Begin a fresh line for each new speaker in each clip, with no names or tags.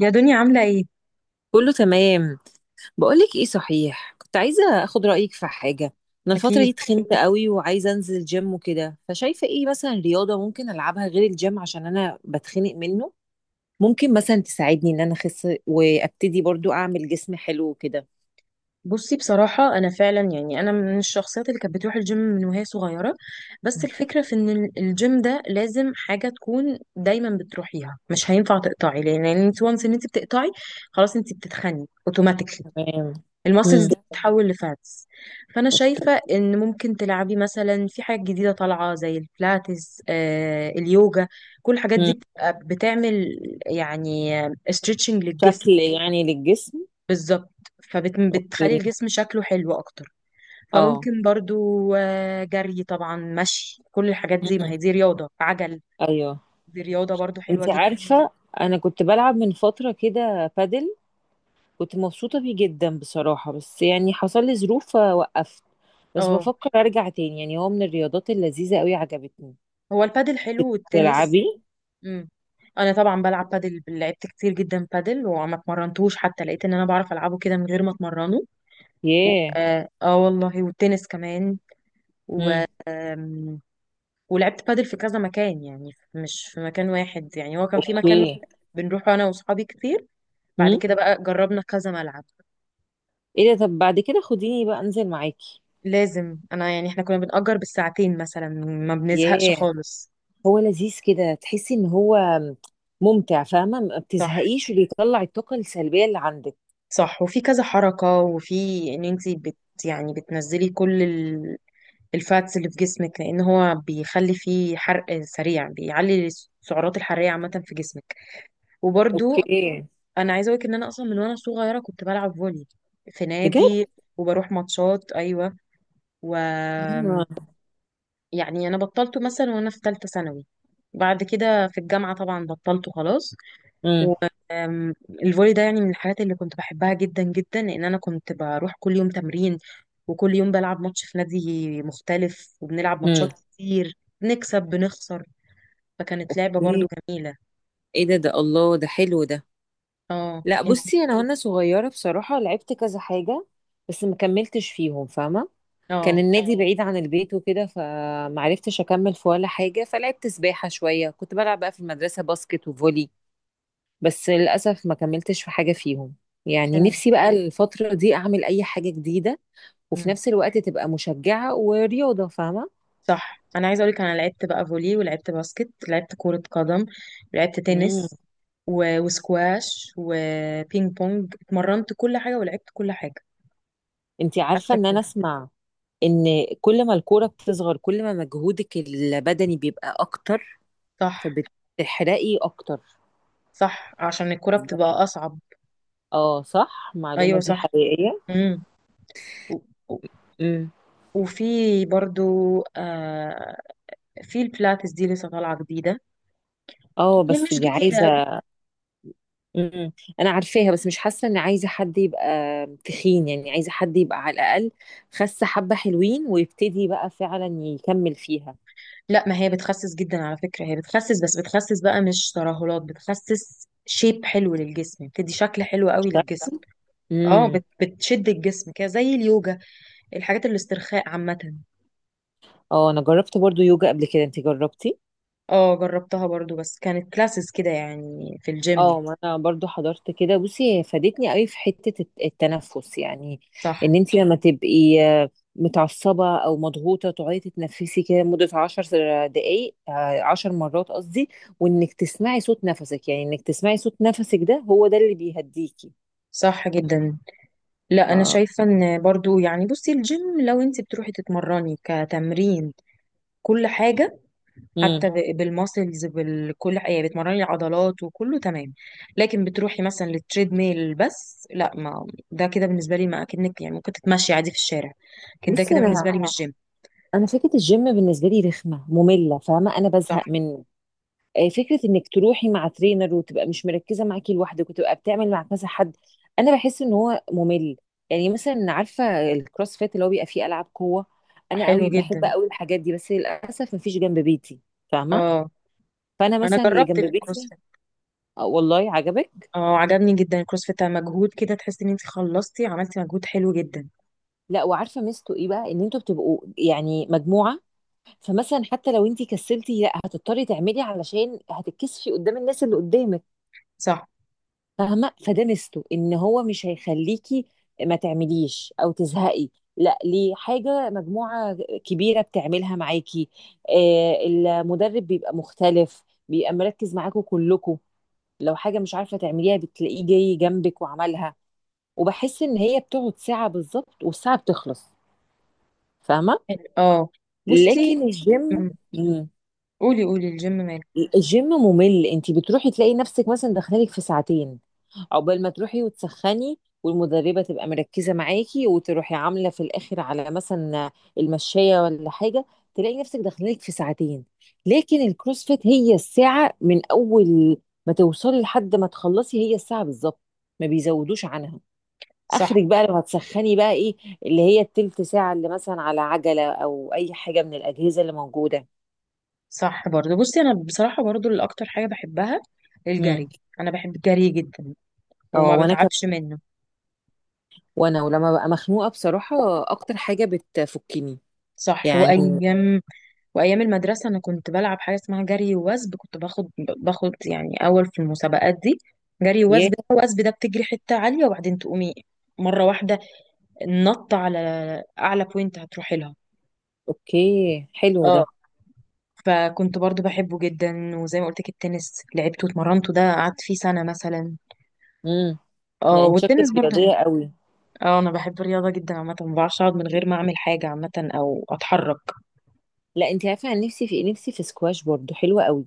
يا دنيا، عاملة ايه؟
كله تمام. بقولك ايه صحيح، كنت عايزة اخد رأيك في حاجة. انا الفترة
أكيد.
دي تخنت قوي وعايزة انزل جيم وكده، فشايفة ايه مثلا رياضة ممكن العبها غير الجيم عشان انا بتخنق منه؟ ممكن مثلا تساعدني ان انا اخس وابتدي برضو اعمل جسم حلو وكده؟
بصي بصراحة أنا فعلا، يعني أنا من الشخصيات اللي كانت بتروح الجيم من وهي صغيرة. بس الفكرة في إن الجيم ده لازم حاجة تكون دايما بتروحيها، مش هينفع تقطعي، لأن يعني انت وانس إن انت بتقطعي خلاص انت بتتخني اوتوماتيكلي.
تمام.
الماسلز دي
امم.
بتتحول لفاتس. فأنا
اوكي.
شايفة إن ممكن تلعبي مثلا في حاجات جديدة طالعة زي البلاتس، آه، اليوجا. كل الحاجات دي
امم.
بتبقى بتعمل يعني استريتشنج للجسم.
شكل يعني للجسم.
بالظبط، فبتخلي
اوكي.
الجسم شكله حلو اكتر.
اه.
فممكن برضو جري، طبعا مشي، كل الحاجات دي، ما
مم.
هي دي رياضة عجل.
ايوه.
دي رياضة برضو حلوة
انت
جدا.
عارفة، انا كنت بلعب من فترة كده بادل. كنت مبسوطة بيه جدا بصراحة، بس يعني حصل لي ظروف فوقفت. بس
اه،
بفكر ارجع تاني، يعني هو من الرياضات اللذيذة قوي، عجبتني.
هو البادل حلو والتنس.
تلعبي؟
امم، انا طبعا بلعب بادل، لعبت كتير جدا بادل وما اتمرنتوش، حتى لقيت ان انا بعرف العبه كده من غير ما اتمرنه.
ياه.
والله، والتنس كمان. و
امم.
آم، ولعبت بادل في كذا مكان، يعني مش في مكان واحد، يعني هو كان في مكان واحد
اوكي.
بنروح انا واصحابي كتير، بعد
امم.
كده بقى جربنا كذا ملعب.
ايه ده؟ طب بعد كده خديني بقى انزل معاكي.
لازم انا، يعني احنا كنا بنأجر بالساعتين مثلا، ما بنزهقش
ياه.
خالص.
هو لذيذ كده، تحسي ان هو ممتع، فاهمة؟ ما
صح،
بتزهقيش وبيطلع الطاقة السلبية اللي عندك.
صح، وفي كذا حركة، وفي ان انت بت يعني بتنزلي كل الفاتس اللي في جسمك، لان هو بيخلي فيه حرق سريع، بيعلي السعرات الحرارية عامة في جسمك. وبرضو
اوكي.
انا عايزة اقولك ان انا اصلا من وانا صغيرة كنت بلعب فولي في
بجد؟
نادي، وبروح ماتشات، ايوه. و
امم.
يعني انا بطلته مثلا وانا في ثالثه ثانوي، بعد كده في الجامعه طبعا بطلته خلاص. والفولي ده يعني من الحاجات اللي كنت بحبها جدا جدا، لان انا كنت بروح كل يوم تمرين، وكل يوم بلعب ماتش في نادي مختلف، وبنلعب ماتشات
امم.
كتير، بنكسب بنخسر. فكانت لعبه
اوكي.
برضو جميله.
ايه ده؟ ده الله، ده حلو ده.
اه
لا
انت.
بصي، انا وانا صغيره بصراحه لعبت كذا حاجه، بس ما كملتش فيهم، فاهمه؟ كان
اه،
النادي اه بعيد عن البيت وكده، فمعرفتش اكمل في ولا حاجه، فلعبت سباحه شويه، كنت بلعب بقى في المدرسه باسكت وفولي. بس للاسف ما كملتش في حاجه فيهم. يعني
حلو.
نفسي بقى الفتره دي اعمل اي حاجه جديده، وفي نفس الوقت تبقى مشجعه ورياضه، فاهمه؟
صح، انا عايزه اقولك انا لعبت بقى فولي، ولعبت باسكت، لعبت كره قدم، ولعبت
امم.
تنس، و... وسكواش وبينج بونج، اتمرنت كل حاجه ولعبت كل حاجه،
انتي عارفه
حتى
ان
الكوره.
انا اسمع، ان كل ما الكوره بتصغر كل ما مجهودك البدني بيبقى اكتر،
صح.
فبتحرقي اكتر.
صح، عشان الكوره بتبقى اصعب.
اه صح، المعلومة
ايوه
دي
صح.
حقيقية.
امم. و... و-
امم.
وفي برضو آه في البلاتس دي لسه طالعه جديده،
اه
يعني
بس
مش
دي
جديده أوي.
عايزة. امم. انا عارفاها، بس مش حاسة ان عايزة حد يبقى تخين، يعني عايزة حد يبقى على الاقل خس حبة حلوين ويبتدي بقى فعلا يكمل فيها.
لا، ما هي بتخسس جدا على فكره، هي بتخسس، بس بتخسس بقى مش ترهلات، بتخسس شيب حلو للجسم، بتدي شكل حلو قوي للجسم. اه،
امم.
بتشد الجسم كده زي اليوجا، الحاجات الاسترخاء عامة.
اه انا جربت برضو يوجا قبل كده، انت جربتي؟
اه، جربتها برضو، بس كانت كلاسز كده يعني في الجيم.
اه ما انا برضو حضرت كده. بصي هي فادتني قوي في حتة التنفس يعني،
صح.
ان انت لما تبقي متعصبة او مضغوطة تقعدي تتنفسي كده لمدة 10 دقايق، 10 مرات قصدي، وانك تسمعي صوت نفسك، يعني انك تسمعي صوت نفسك ده هو ده اللي بيهديكي.
صح جدا. لا، انا
ف...
شايفة ان برضو، يعني بصي الجيم، لو انت بتروحي تتمرني كتمرين كل حاجة،
مم.
حتى بالماسلز، بكل حاجة، يعني بتمرني العضلات وكله تمام. لكن بتروحي مثلا للتريد ميل بس، لا، ما ده كده بالنسبة لي ما اكنك يعني ممكن تتمشي عادي في الشارع، لكن ده
بصي
كده بالنسبة لي
انا
مش جيم.
انا فكرة الجيم بالنسبة لي رخمة مملة فاهمة، انا
صح.
بزهق منه. فكره انك تروحي مع ترينر وتبقى مش مركزه معاكي لوحدك وتبقى بتعمل مع كذا حد، انا بحس ان هو ممل. يعني مثلا عارفه الكروس فيت اللي هو بيبقى فيه العاب قوه؟ انا
حلو
قوي بحب
جدا.
قوي الحاجات دي، بس للاسف مفيش جنب بيتي، فاهمه؟
اه،
فانا
انا
مثلا اللي
جربت
جنب بيتي.
الكروسفيت.
آه، والله عجبك؟
اه، عجبني جدا الكروسفيت، مجهود كده تحسي ان انت خلصتي عملتي مجهود حلو جدا.
لا وعارفه ميزته ايه بقى؟ ان انتوا بتبقوا يعني مجموعه، فمثلا حتى لو انتي كسلتي لا هتضطري تعملي علشان هتتكسفي قدام الناس اللي قدامك،
صح.
فاهمه؟ فده ميزته، ان هو مش هيخليكي ما تعمليش او تزهقي، لا ليه حاجه مجموعه كبيره بتعملها معاكي. آه المدرب بيبقى مختلف، بيبقى مركز معاكوا كلكوا، لو حاجه مش عارفه تعمليها بتلاقيه جاي جنبك وعملها، وبحس ان هي بتقعد ساعه بالظبط والساعه بتخلص، فاهمه؟
حلو. اه. بصي.
لكن
مم.
الجيم،
قولي، قولي، الجيم مال.
الجيم ممل. انت بتروحي تلاقي نفسك مثلا داخلالك في ساعتين، عقبال ما تروحي وتسخني والمدربة تبقى مركزة معاكي، وتروحي عاملة في الآخر على مثلا المشاية ولا حاجة، تلاقي نفسك داخلك في ساعتين. لكن الكروسفيت هي الساعة من أول ما توصلي لحد ما تخلصي، هي الساعة بالظبط ما بيزودوش عنها.
صح.
آخرك بقى لو هتسخني بقى إيه؟ اللي هي التلت ساعة اللي مثلا على عجلة أو أي حاجة من الأجهزة اللي موجودة.
صح برضه. بصي انا بصراحه برضه الاكتر حاجه بحبها
مم.
الجري. انا بحب الجري جدا
اه
وما
وأنا كمان،
بتعبش منه.
وأنا ولما ببقى مخنوقة بصراحة أكتر حاجة بتفكني
صح.
يعني.
وايام، وايام المدرسه انا كنت بلعب حاجه اسمها جري ووثب، كنت باخد يعني اول في المسابقات دي. جري ووثب، وثب ده بتجري حته عاليه وبعدين تقومي مره واحده، نط على اعلى بوينت هتروحي لها.
اوكي حلو ده.
اه، فكنت برضو بحبه جدا. وزي ما قلت لك التنس لعبته واتمرنته، ده قعدت فيه سنة مثلا.
امم. لا
اه،
انت
والتنس
شكلك
برضو حلو.
رياضيه قوي.
اه، انا بحب الرياضة جدا عامة، ما بعرفش اقعد من غير ما اعمل حاجة عامة او اتحرك.
لا انت عارفه، انا نفسي في إيه؟ نفسي في سكواش، برضو حلوه قوي.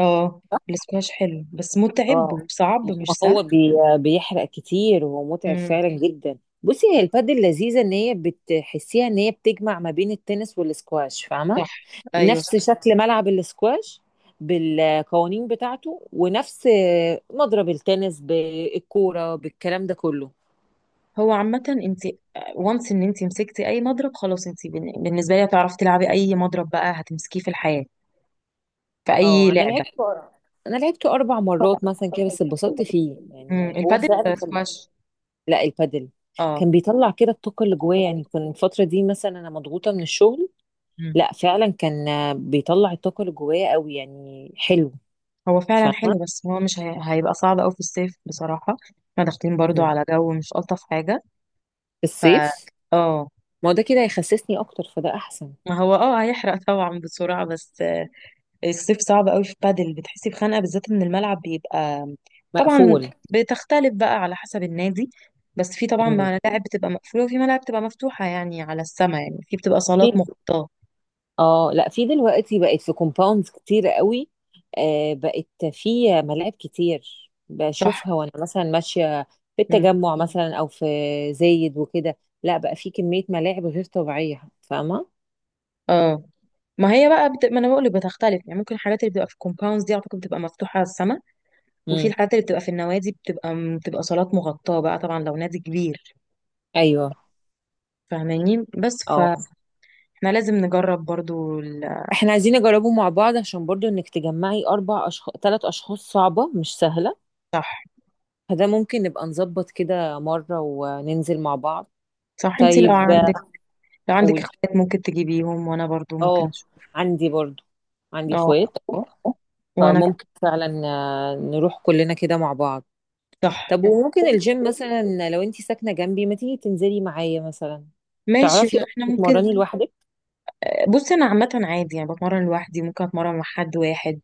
اه، الاسكواش حلو بس متعب
اه
وصعب، مش
ما هو
سهل.
بيحرق كتير وهو متعب
امم.
فعلا جدا. بصي هي البادل لذيذه، ان هي بتحسيها ان هي بتجمع ما بين التنس والسكواش، فاهمه؟
صح. ايوه
نفس
صح.
شكل ملعب السكواش بالقوانين بتاعته، ونفس مضرب التنس بالكوره بالكلام ده كله.
هو عامة انت وانس ان انت مسكتي اي مضرب خلاص، انت بالنسبة لي هتعرفي تلعبي اي مضرب بقى هتمسكيه في الحياة، في اي
اه انا
لعبة.
لعبته انا لعبته 4 مرات مثلا كده، بس اتبسطت فيه،
امم،
يعني هو
البادل،
فعلا كان.
سكواش.
لا البادل.
اه.
كان بيطلع كده الطاقه اللي جوايا، يعني كان الفتره دي مثلا انا مضغوطه من الشغل،
مم.
لا فعلا كان بيطلع الطاقه اللي جوايا قوي، يعني حلو.
هو فعلا
فاهمه؟
حلو، بس هو مش هي... هيبقى صعب قوي في الصيف بصراحة. احنا داخلين برضو
مم.
على جو مش ألطف حاجة.
في
ف
الصيف.
اه
ما هو ده كده هيخسسني اكتر، فده احسن.
ما هو، اه، هيحرق طبعا بسرعة، بس الصيف صعب قوي في بادل، بتحسي بخنقة، بالذات ان الملعب بيبقى، طبعا
مقفول.
بتختلف بقى على حسب النادي، بس في طبعا
مم.
ملاعب بتبقى مقفولة، وفي ملاعب بتبقى مفتوحة يعني على السما، يعني في بتبقى صالات مغطاة.
اه لا في دلوقتي بقت في كومباوندز كتير قوي، آه بقت في ملاعب كتير
صح.
بشوفها وانا مثلا ماشيه، في
مم.
التجمع مثلا او في زايد وكده. لا بقى في كميه ملاعب غير طبيعيه، فاهمه؟
اه، ما هي بقى ما انا بقول لك بتختلف، يعني ممكن الحاجات اللي بتبقى في الكومباوندز دي اعتقد بتبقى مفتوحة على السما، وفي
امم.
الحاجات اللي بتبقى في النوادي بتبقى صالات مغطاة بقى، طبعا لو نادي كبير.
ايوه.
فاهماني؟ بس
اه.
فاحنا لازم نجرب برضو
احنا عايزين نجربه مع بعض عشان برضو انك تجمعي 4 اشخاص 3 اشخاص صعبه مش سهله،
صح.
فده ممكن نبقى نظبط كده مره وننزل مع بعض.
صح، انتي لو
طيب.
عندك، لو عندك
قول.
اخوات ممكن تجيبيهم، وانا برضو ممكن
اه
اشوف.
عندي برضو، عندي
اه.
اخوات،
وانا ك-
فممكن فعلا نروح كلنا كده مع بعض.
صح.
طب وممكن الجيم مثلا لو انتي ساكنة جنبي ما تيجي تنزلي معايا مثلا؟
ماشي.
تعرفي اصلا
احنا ممكن،
تتمرني لوحدك؟
بصي انا عامة عادي يعني بتمرن لوحدي، ممكن اتمرن مع حد واحد،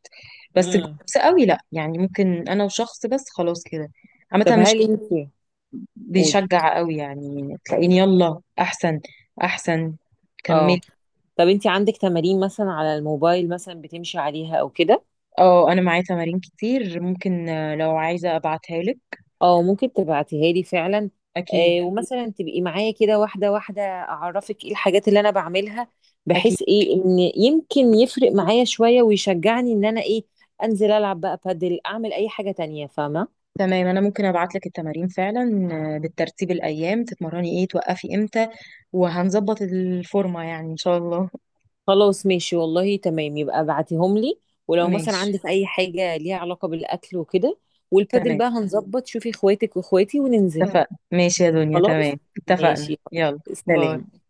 بس
امم.
جروبس قوي لا، يعني ممكن انا وشخص بس خلاص كده. عامة
طب
انا
هل
شخص
انتي؟ قولي.
بيشجع قوي، يعني تلاقيني يلا احسن. احسن.
اه.
كملي.
طب انتي عندك تمارين مثلا على الموبايل مثلا بتمشي عليها او كده؟
اه، انا معايا تمارين كتير، ممكن لو عايزه ابعتها لك.
اه ممكن تبعتيها لي فعلا.
اكيد.
آه ومثلا تبقي معايا كده واحدة واحدة أعرفك ايه الحاجات اللي أنا بعملها،
اكيد.
بحيث ايه إن يمكن يفرق معايا شوية ويشجعني إن أنا ايه، أنزل ألعب بقى بادل، أعمل أي حاجة تانية، فاهمة؟
تمام، انا ممكن ابعت لك التمارين فعلا، بالترتيب الايام تتمرني ايه، توقفي امتى، وهنظبط الفورمه يعني ان شاء الله.
خلاص ماشي والله تمام، يبقى ابعتيهم لي. ولو مثلا
ماشي.
عندك أي حاجة ليها علاقة بالأكل وكده، والبادل
تمام،
بقى هنظبط شوفي اخواتك واخواتي وننزل.
اتفقنا. ماشي يا دنيا،
خلاص.
تمام، اتفقنا،
ماشي.
يلا. باي.
سلام.